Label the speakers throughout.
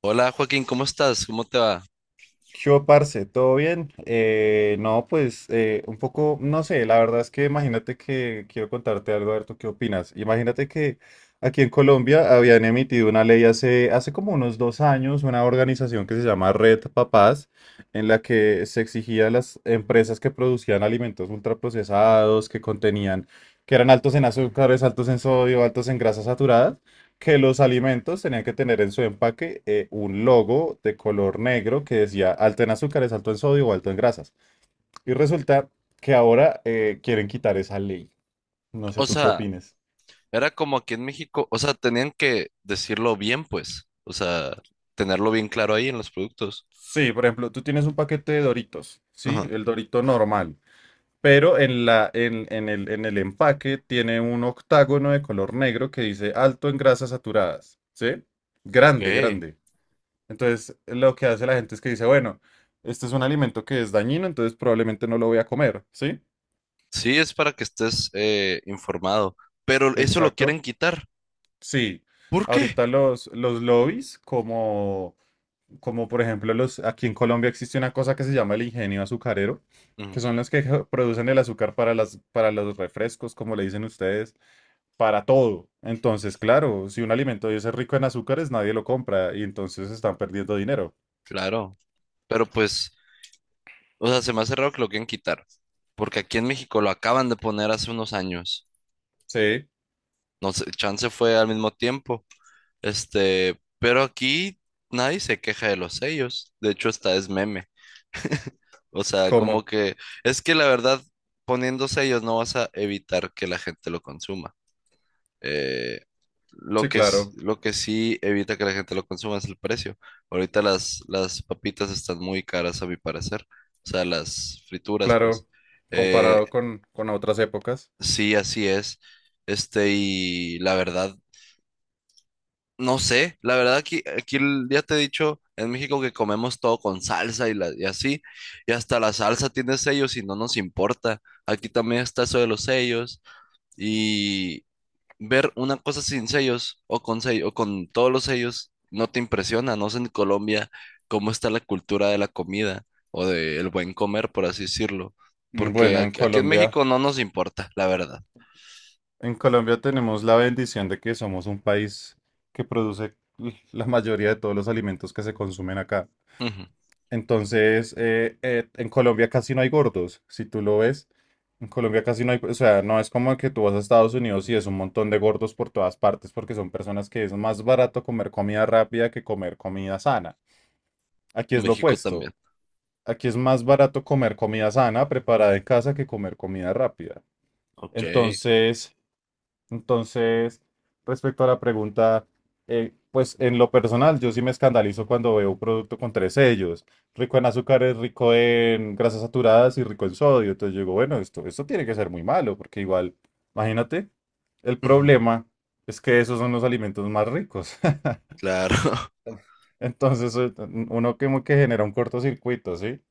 Speaker 1: Hola Joaquín, ¿cómo estás? ¿Cómo te va?
Speaker 2: ¿Qué hubo, parce? ¿Todo bien? No, pues un poco, no sé, la verdad es que imagínate que quiero contarte algo, a ver tú qué opinas. Imagínate que aquí en Colombia habían emitido una ley hace como unos 2 años, una organización que se llama Red Papás, en la que se exigía a las empresas que producían alimentos ultraprocesados, que contenían, que eran altos en azúcares, altos en sodio, altos en grasas saturadas, que los alimentos tenían que tener en su empaque un logo de color negro que decía alto en azúcares, alto en sodio o alto en grasas. Y resulta que ahora quieren quitar esa ley. No sé
Speaker 1: O
Speaker 2: tú qué
Speaker 1: sea,
Speaker 2: opines.
Speaker 1: era como aquí en México, o sea, tenían que decirlo bien, pues, o sea, tenerlo bien claro ahí en los productos.
Speaker 2: Sí, por ejemplo, tú tienes un paquete de Doritos, ¿sí?
Speaker 1: Ajá.
Speaker 2: El Dorito normal. Pero en la, en el empaque tiene un octágono de color negro que dice alto en grasas saturadas, ¿sí?
Speaker 1: Ok.
Speaker 2: Grande, grande. Entonces, lo que hace la gente es que dice, bueno, este es un alimento que es dañino, entonces probablemente no lo voy a comer, ¿sí?
Speaker 1: Sí, es para que estés, informado, pero eso lo quieren
Speaker 2: Exacto.
Speaker 1: quitar.
Speaker 2: Sí.
Speaker 1: ¿Por qué?
Speaker 2: Ahorita los lobbies, como, como por ejemplo los, aquí en Colombia existe una cosa que se llama el ingenio azucarero, que
Speaker 1: Mm,
Speaker 2: son los que producen el azúcar para las, para los refrescos, como le dicen ustedes, para todo. Entonces, claro, si un alimento de ese es rico en azúcares, nadie lo compra y entonces están perdiendo dinero.
Speaker 1: claro, pero pues, o sea, se me hace raro que lo quieran quitar, porque aquí en México lo acaban de poner hace unos años.
Speaker 2: Sí,
Speaker 1: No sé, chance fue al mismo tiempo, este, pero aquí nadie se queja de los sellos. De hecho, hasta es meme. O sea, como
Speaker 2: ¿cómo?
Speaker 1: que es que la verdad, poniendo sellos no vas a evitar que la gente lo consuma. Eh, lo
Speaker 2: Sí,
Speaker 1: que, s-
Speaker 2: claro.
Speaker 1: lo que sí evita que la gente lo consuma es el precio. Ahorita las papitas están muy caras a mi parecer. O sea, las frituras, pues.
Speaker 2: Claro,
Speaker 1: Eh,
Speaker 2: comparado con otras épocas.
Speaker 1: sí, así es. Este, y la verdad, no sé, la verdad aquí ya te he dicho en México que comemos todo con salsa y así, y hasta la salsa tiene sellos y no nos importa. Aquí también está eso de los sellos y ver una cosa sin sellos o con sello, o con todos los sellos no te impresiona. No sé en Colombia cómo está la cultura de la comida o del buen comer, por así decirlo,
Speaker 2: Mm,
Speaker 1: porque
Speaker 2: bueno,
Speaker 1: aquí en México no nos importa, la verdad.
Speaker 2: En Colombia tenemos la bendición de que somos un país que produce la mayoría de todos los alimentos que se consumen acá.
Speaker 1: Ujú.
Speaker 2: Entonces, en Colombia casi no hay gordos, si tú lo ves. En Colombia casi no hay, o sea, no es como que tú vas a Estados Unidos y es un montón de gordos por todas partes, porque son personas que es más barato comer comida rápida que comer comida sana. Aquí es lo
Speaker 1: México
Speaker 2: opuesto.
Speaker 1: también.
Speaker 2: Aquí es más barato comer comida sana, preparada en casa, que comer comida rápida.
Speaker 1: Ok.
Speaker 2: Entonces, entonces, respecto a la pregunta, pues en lo personal, yo sí me escandalizo cuando veo un producto con tres sellos, rico en azúcares, rico en grasas saturadas y rico en sodio. Entonces yo digo, bueno, esto tiene que ser muy malo, porque igual, imagínate, el
Speaker 1: Ujú.
Speaker 2: problema es que esos son los alimentos más ricos.
Speaker 1: Claro.
Speaker 2: Entonces, uno como que genera un cortocircuito, ¿sí?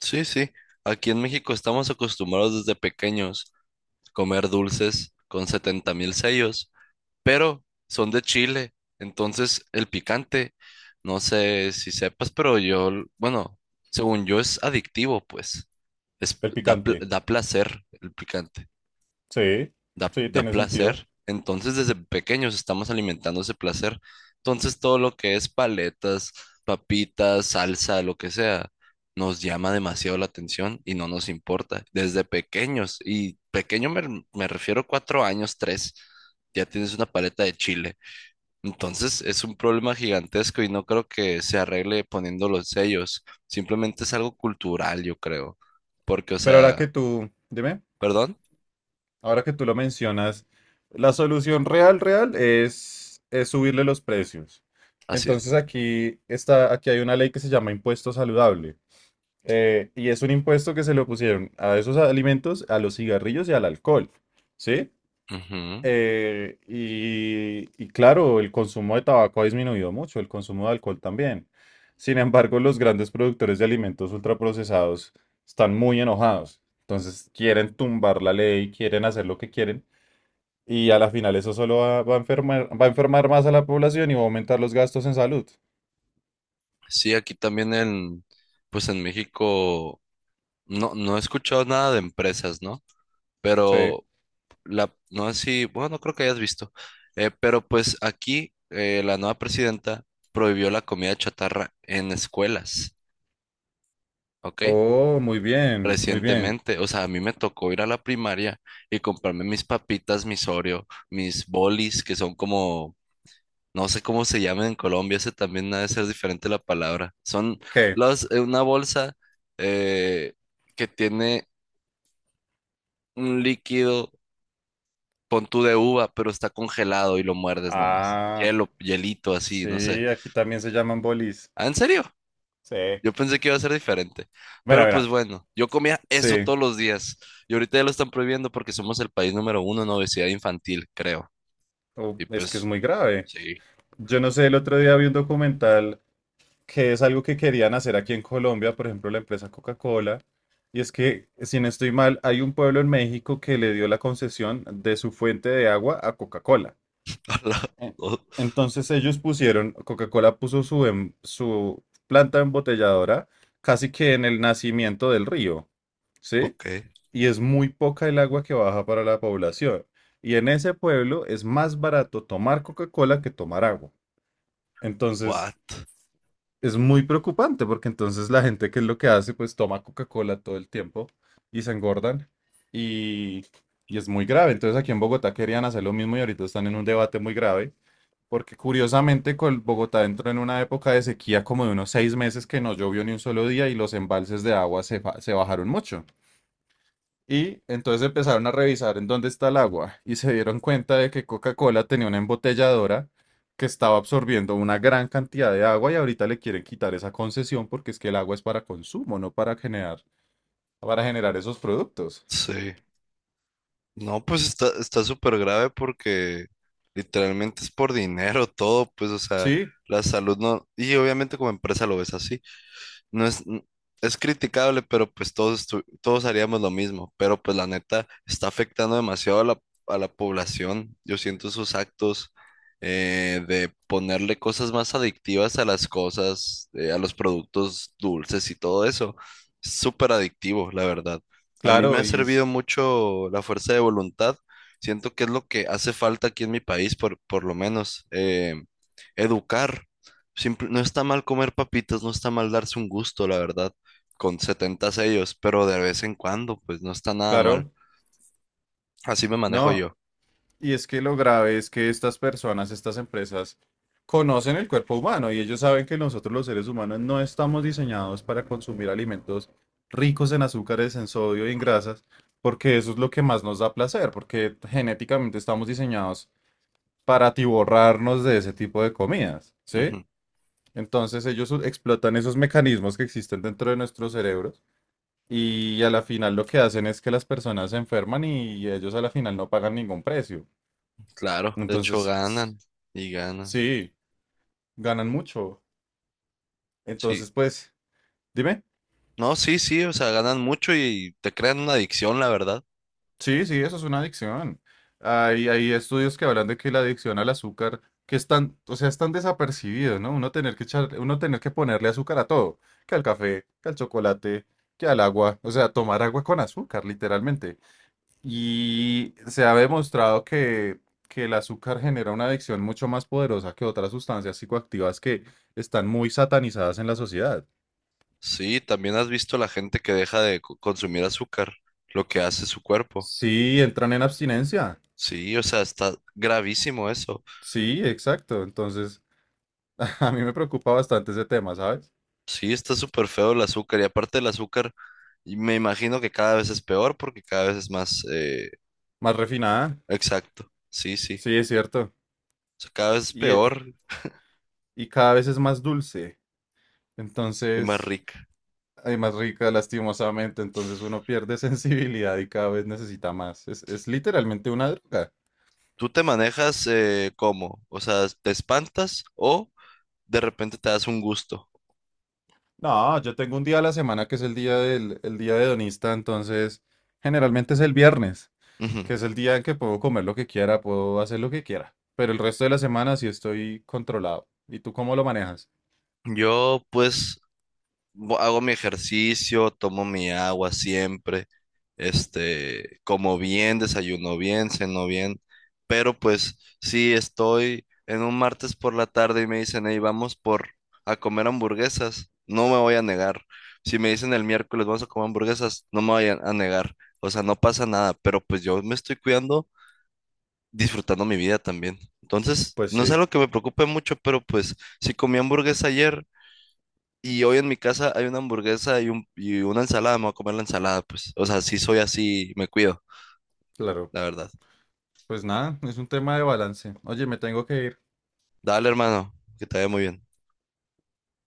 Speaker 1: Sí, sí. Aquí en México estamos acostumbrados desde pequeños a comer dulces con 70.000 sellos, pero son de Chile. Entonces, el picante, no sé si sepas, pero yo, bueno, según yo es adictivo, pues. Es,
Speaker 2: El
Speaker 1: da, pl-
Speaker 2: picante.
Speaker 1: da placer el picante.
Speaker 2: Sí,
Speaker 1: da,
Speaker 2: sí,
Speaker 1: da
Speaker 2: tiene sentido.
Speaker 1: placer. Entonces, desde pequeños estamos alimentando ese placer. Entonces, todo lo que es paletas, papitas, salsa, lo que sea, nos llama demasiado la atención y no nos importa. Desde pequeños, y pequeño me refiero a 4 años, tres, ya tienes una paleta de chile. Entonces, es un problema gigantesco y no creo que se arregle poniendo los sellos. Simplemente es algo cultural, yo creo. Porque, o
Speaker 2: Pero ahora que
Speaker 1: sea,
Speaker 2: tú, dime,
Speaker 1: perdón,
Speaker 2: ahora que tú lo mencionas, la solución real, real es subirle los precios.
Speaker 1: así
Speaker 2: Entonces
Speaker 1: es.
Speaker 2: aquí está, aquí hay una ley que se llama impuesto saludable. Y es un impuesto que se le pusieron a esos alimentos, a los cigarrillos y al alcohol. ¿Sí?
Speaker 1: Ujú.
Speaker 2: Y, y claro, el consumo de tabaco ha disminuido mucho, el consumo de alcohol también. Sin embargo, los grandes productores de alimentos ultraprocesados están muy enojados. Entonces quieren tumbar la ley, quieren hacer lo que quieren. Y a la final eso solo va a enfermar más a la población y va a aumentar los gastos en salud.
Speaker 1: Sí, aquí también pues en México no, no he escuchado nada de empresas, ¿no?
Speaker 2: Sí.
Speaker 1: Pero no sé si, bueno, no creo que hayas visto, pero pues aquí la nueva presidenta prohibió la comida chatarra en escuelas, ¿ok?
Speaker 2: Oh, muy bien, muy bien.
Speaker 1: Recientemente, o sea, a mí me tocó ir a la primaria y comprarme mis papitas, mis Oreo, mis bolis, que son como, no sé cómo se llaman en Colombia, ese también ha de ser diferente la palabra. Son
Speaker 2: ¿Qué?
Speaker 1: una bolsa eh, que tiene un líquido, pon tú de uva, pero está congelado y lo muerdes nomás.
Speaker 2: Ah,
Speaker 1: Hielo, hielito así, no sé.
Speaker 2: sí, aquí también se llaman bolis.
Speaker 1: Ah, ¿en serio?
Speaker 2: Sí.
Speaker 1: Yo pensé que iba a ser diferente.
Speaker 2: Mira,
Speaker 1: Pero pues
Speaker 2: mira.
Speaker 1: bueno, yo comía eso
Speaker 2: Sí.
Speaker 1: todos los días. Y ahorita ya lo están prohibiendo porque somos el país número uno en obesidad infantil, creo.
Speaker 2: Oh,
Speaker 1: Y
Speaker 2: es que es
Speaker 1: pues,
Speaker 2: muy grave.
Speaker 1: sí.
Speaker 2: Yo no sé, el otro día vi un documental que es algo que querían hacer aquí en Colombia, por ejemplo, la empresa Coca-Cola, y es que, si no estoy mal, hay un pueblo en México que le dio la concesión de su fuente de agua a Coca-Cola.
Speaker 1: Hola.
Speaker 2: Eh,
Speaker 1: Oh,
Speaker 2: Entonces ellos pusieron, Coca-Cola puso su, su planta embotelladora casi que en el nacimiento del río, ¿sí?
Speaker 1: ok.
Speaker 2: Y es muy poca el agua que baja para la población. Y en ese pueblo es más barato tomar Coca-Cola que tomar agua. Entonces...
Speaker 1: What?
Speaker 2: Es muy preocupante porque entonces la gente que es lo que hace, pues toma Coca-Cola todo el tiempo y se engordan y, y es muy grave. Entonces aquí en Bogotá querían hacer lo mismo y ahorita están en un debate muy grave porque curiosamente con Bogotá entró en una época de sequía como de unos 6 meses que no llovió ni un solo día y los embalses de agua se bajaron mucho. Y entonces empezaron a revisar en dónde está el agua y se dieron cuenta de que Coca-Cola tenía una embotelladora que estaba absorbiendo una gran cantidad de agua y ahorita le quieren quitar esa concesión porque es que el agua es para consumo, no para para generar esos productos.
Speaker 1: Sí. No, pues está súper grave porque literalmente es por dinero todo, pues, o sea,
Speaker 2: Sí,
Speaker 1: la salud no, y obviamente como empresa lo ves así no es, es criticable, pero pues todos haríamos lo mismo. Pero pues la neta está afectando demasiado a la población. Yo siento sus actos, de ponerle cosas más adictivas a las cosas, a los productos dulces y todo eso. Es súper adictivo, la verdad. A mí me
Speaker 2: claro,
Speaker 1: ha
Speaker 2: y
Speaker 1: servido
Speaker 2: es,
Speaker 1: mucho la fuerza de voluntad. Siento que es lo que hace falta aquí en mi país, por lo menos. Educar. No está mal comer papitas, no está mal darse un gusto, la verdad, con 70 sellos, pero de vez en cuando, pues no está nada mal.
Speaker 2: claro,
Speaker 1: Así me manejo
Speaker 2: no,
Speaker 1: yo.
Speaker 2: y es que lo grave es que estas personas, estas empresas, conocen el cuerpo humano y ellos saben que nosotros los seres humanos no estamos diseñados para consumir alimentos ricos en azúcares, en sodio y en grasas, porque eso es lo que más nos da placer, porque genéticamente estamos diseñados para atiborrarnos de ese tipo de comidas, ¿sí?
Speaker 1: Ujú.
Speaker 2: Entonces explotan esos mecanismos que existen dentro de nuestros cerebros y a la final lo que hacen es que las personas se enferman y ellos a la final no pagan ningún precio.
Speaker 1: Claro, de hecho
Speaker 2: Entonces,
Speaker 1: ganan y ganan.
Speaker 2: sí, ganan mucho.
Speaker 1: Sí.
Speaker 2: Entonces, pues, dime.
Speaker 1: No, sí, sí, o sea, ganan mucho y te crean una adicción, la verdad.
Speaker 2: Sí, sí, eso es una adicción. Hay estudios que hablan de que la adicción al azúcar, que están, o sea, están desapercibidos, ¿no? Uno tener que ponerle azúcar a todo, que al café, que al chocolate, que al agua, o sea, tomar agua con azúcar, literalmente. Y se ha demostrado que el azúcar genera una adicción mucho más poderosa que otras sustancias psicoactivas que están muy satanizadas en la sociedad.
Speaker 1: Sí, también has visto la gente que deja de consumir azúcar, lo que hace su cuerpo.
Speaker 2: Sí, entran en abstinencia.
Speaker 1: Sí, o sea, está gravísimo eso.
Speaker 2: Sí, exacto. Entonces, a mí me preocupa bastante ese tema, ¿sabes?
Speaker 1: Sí, está súper feo el azúcar y aparte el azúcar, y me imagino que cada vez es peor porque cada vez es más. eh,
Speaker 2: Más refinada,
Speaker 1: exacto. Sí, sí.
Speaker 2: sí, es cierto.
Speaker 1: O sea, cada vez es
Speaker 2: Y, eh,
Speaker 1: peor
Speaker 2: y cada vez es más dulce.
Speaker 1: y más
Speaker 2: Entonces,
Speaker 1: rica.
Speaker 2: hay más rica, lastimosamente. Entonces uno pierde sensibilidad y cada vez necesita más. Es literalmente una droga.
Speaker 1: ¿Tú te manejas, cómo? O sea, ¿te espantas o de repente te das un gusto?
Speaker 2: No, yo tengo un día a la semana que es el día el día hedonista, entonces generalmente es el viernes,
Speaker 1: Ujú.
Speaker 2: que es el día en que puedo comer lo que quiera, puedo hacer lo que quiera. Pero el resto de la semana sí estoy controlado. ¿Y tú cómo lo manejas?
Speaker 1: Yo pues hago mi ejercicio, tomo mi agua siempre, este, como bien, desayuno bien, ceno bien, pero pues sí estoy en un martes por la tarde y me dicen, hey, vamos por a comer hamburguesas, no me voy a negar. Si me dicen el miércoles vamos a comer hamburguesas, no me voy a negar. O sea, no pasa nada, pero pues yo me estoy cuidando, disfrutando mi vida también. Entonces,
Speaker 2: Pues
Speaker 1: no es
Speaker 2: sí,
Speaker 1: algo que me preocupe mucho, pero pues si comí hamburguesa ayer, y hoy en mi casa hay una hamburguesa y una ensalada, me voy a comer la ensalada, pues. O sea, sí soy así, me cuido,
Speaker 2: claro.
Speaker 1: la verdad.
Speaker 2: Pues nada, es un tema de balance. Oye, me tengo que ir.
Speaker 1: Dale, hermano, que te vaya muy bien.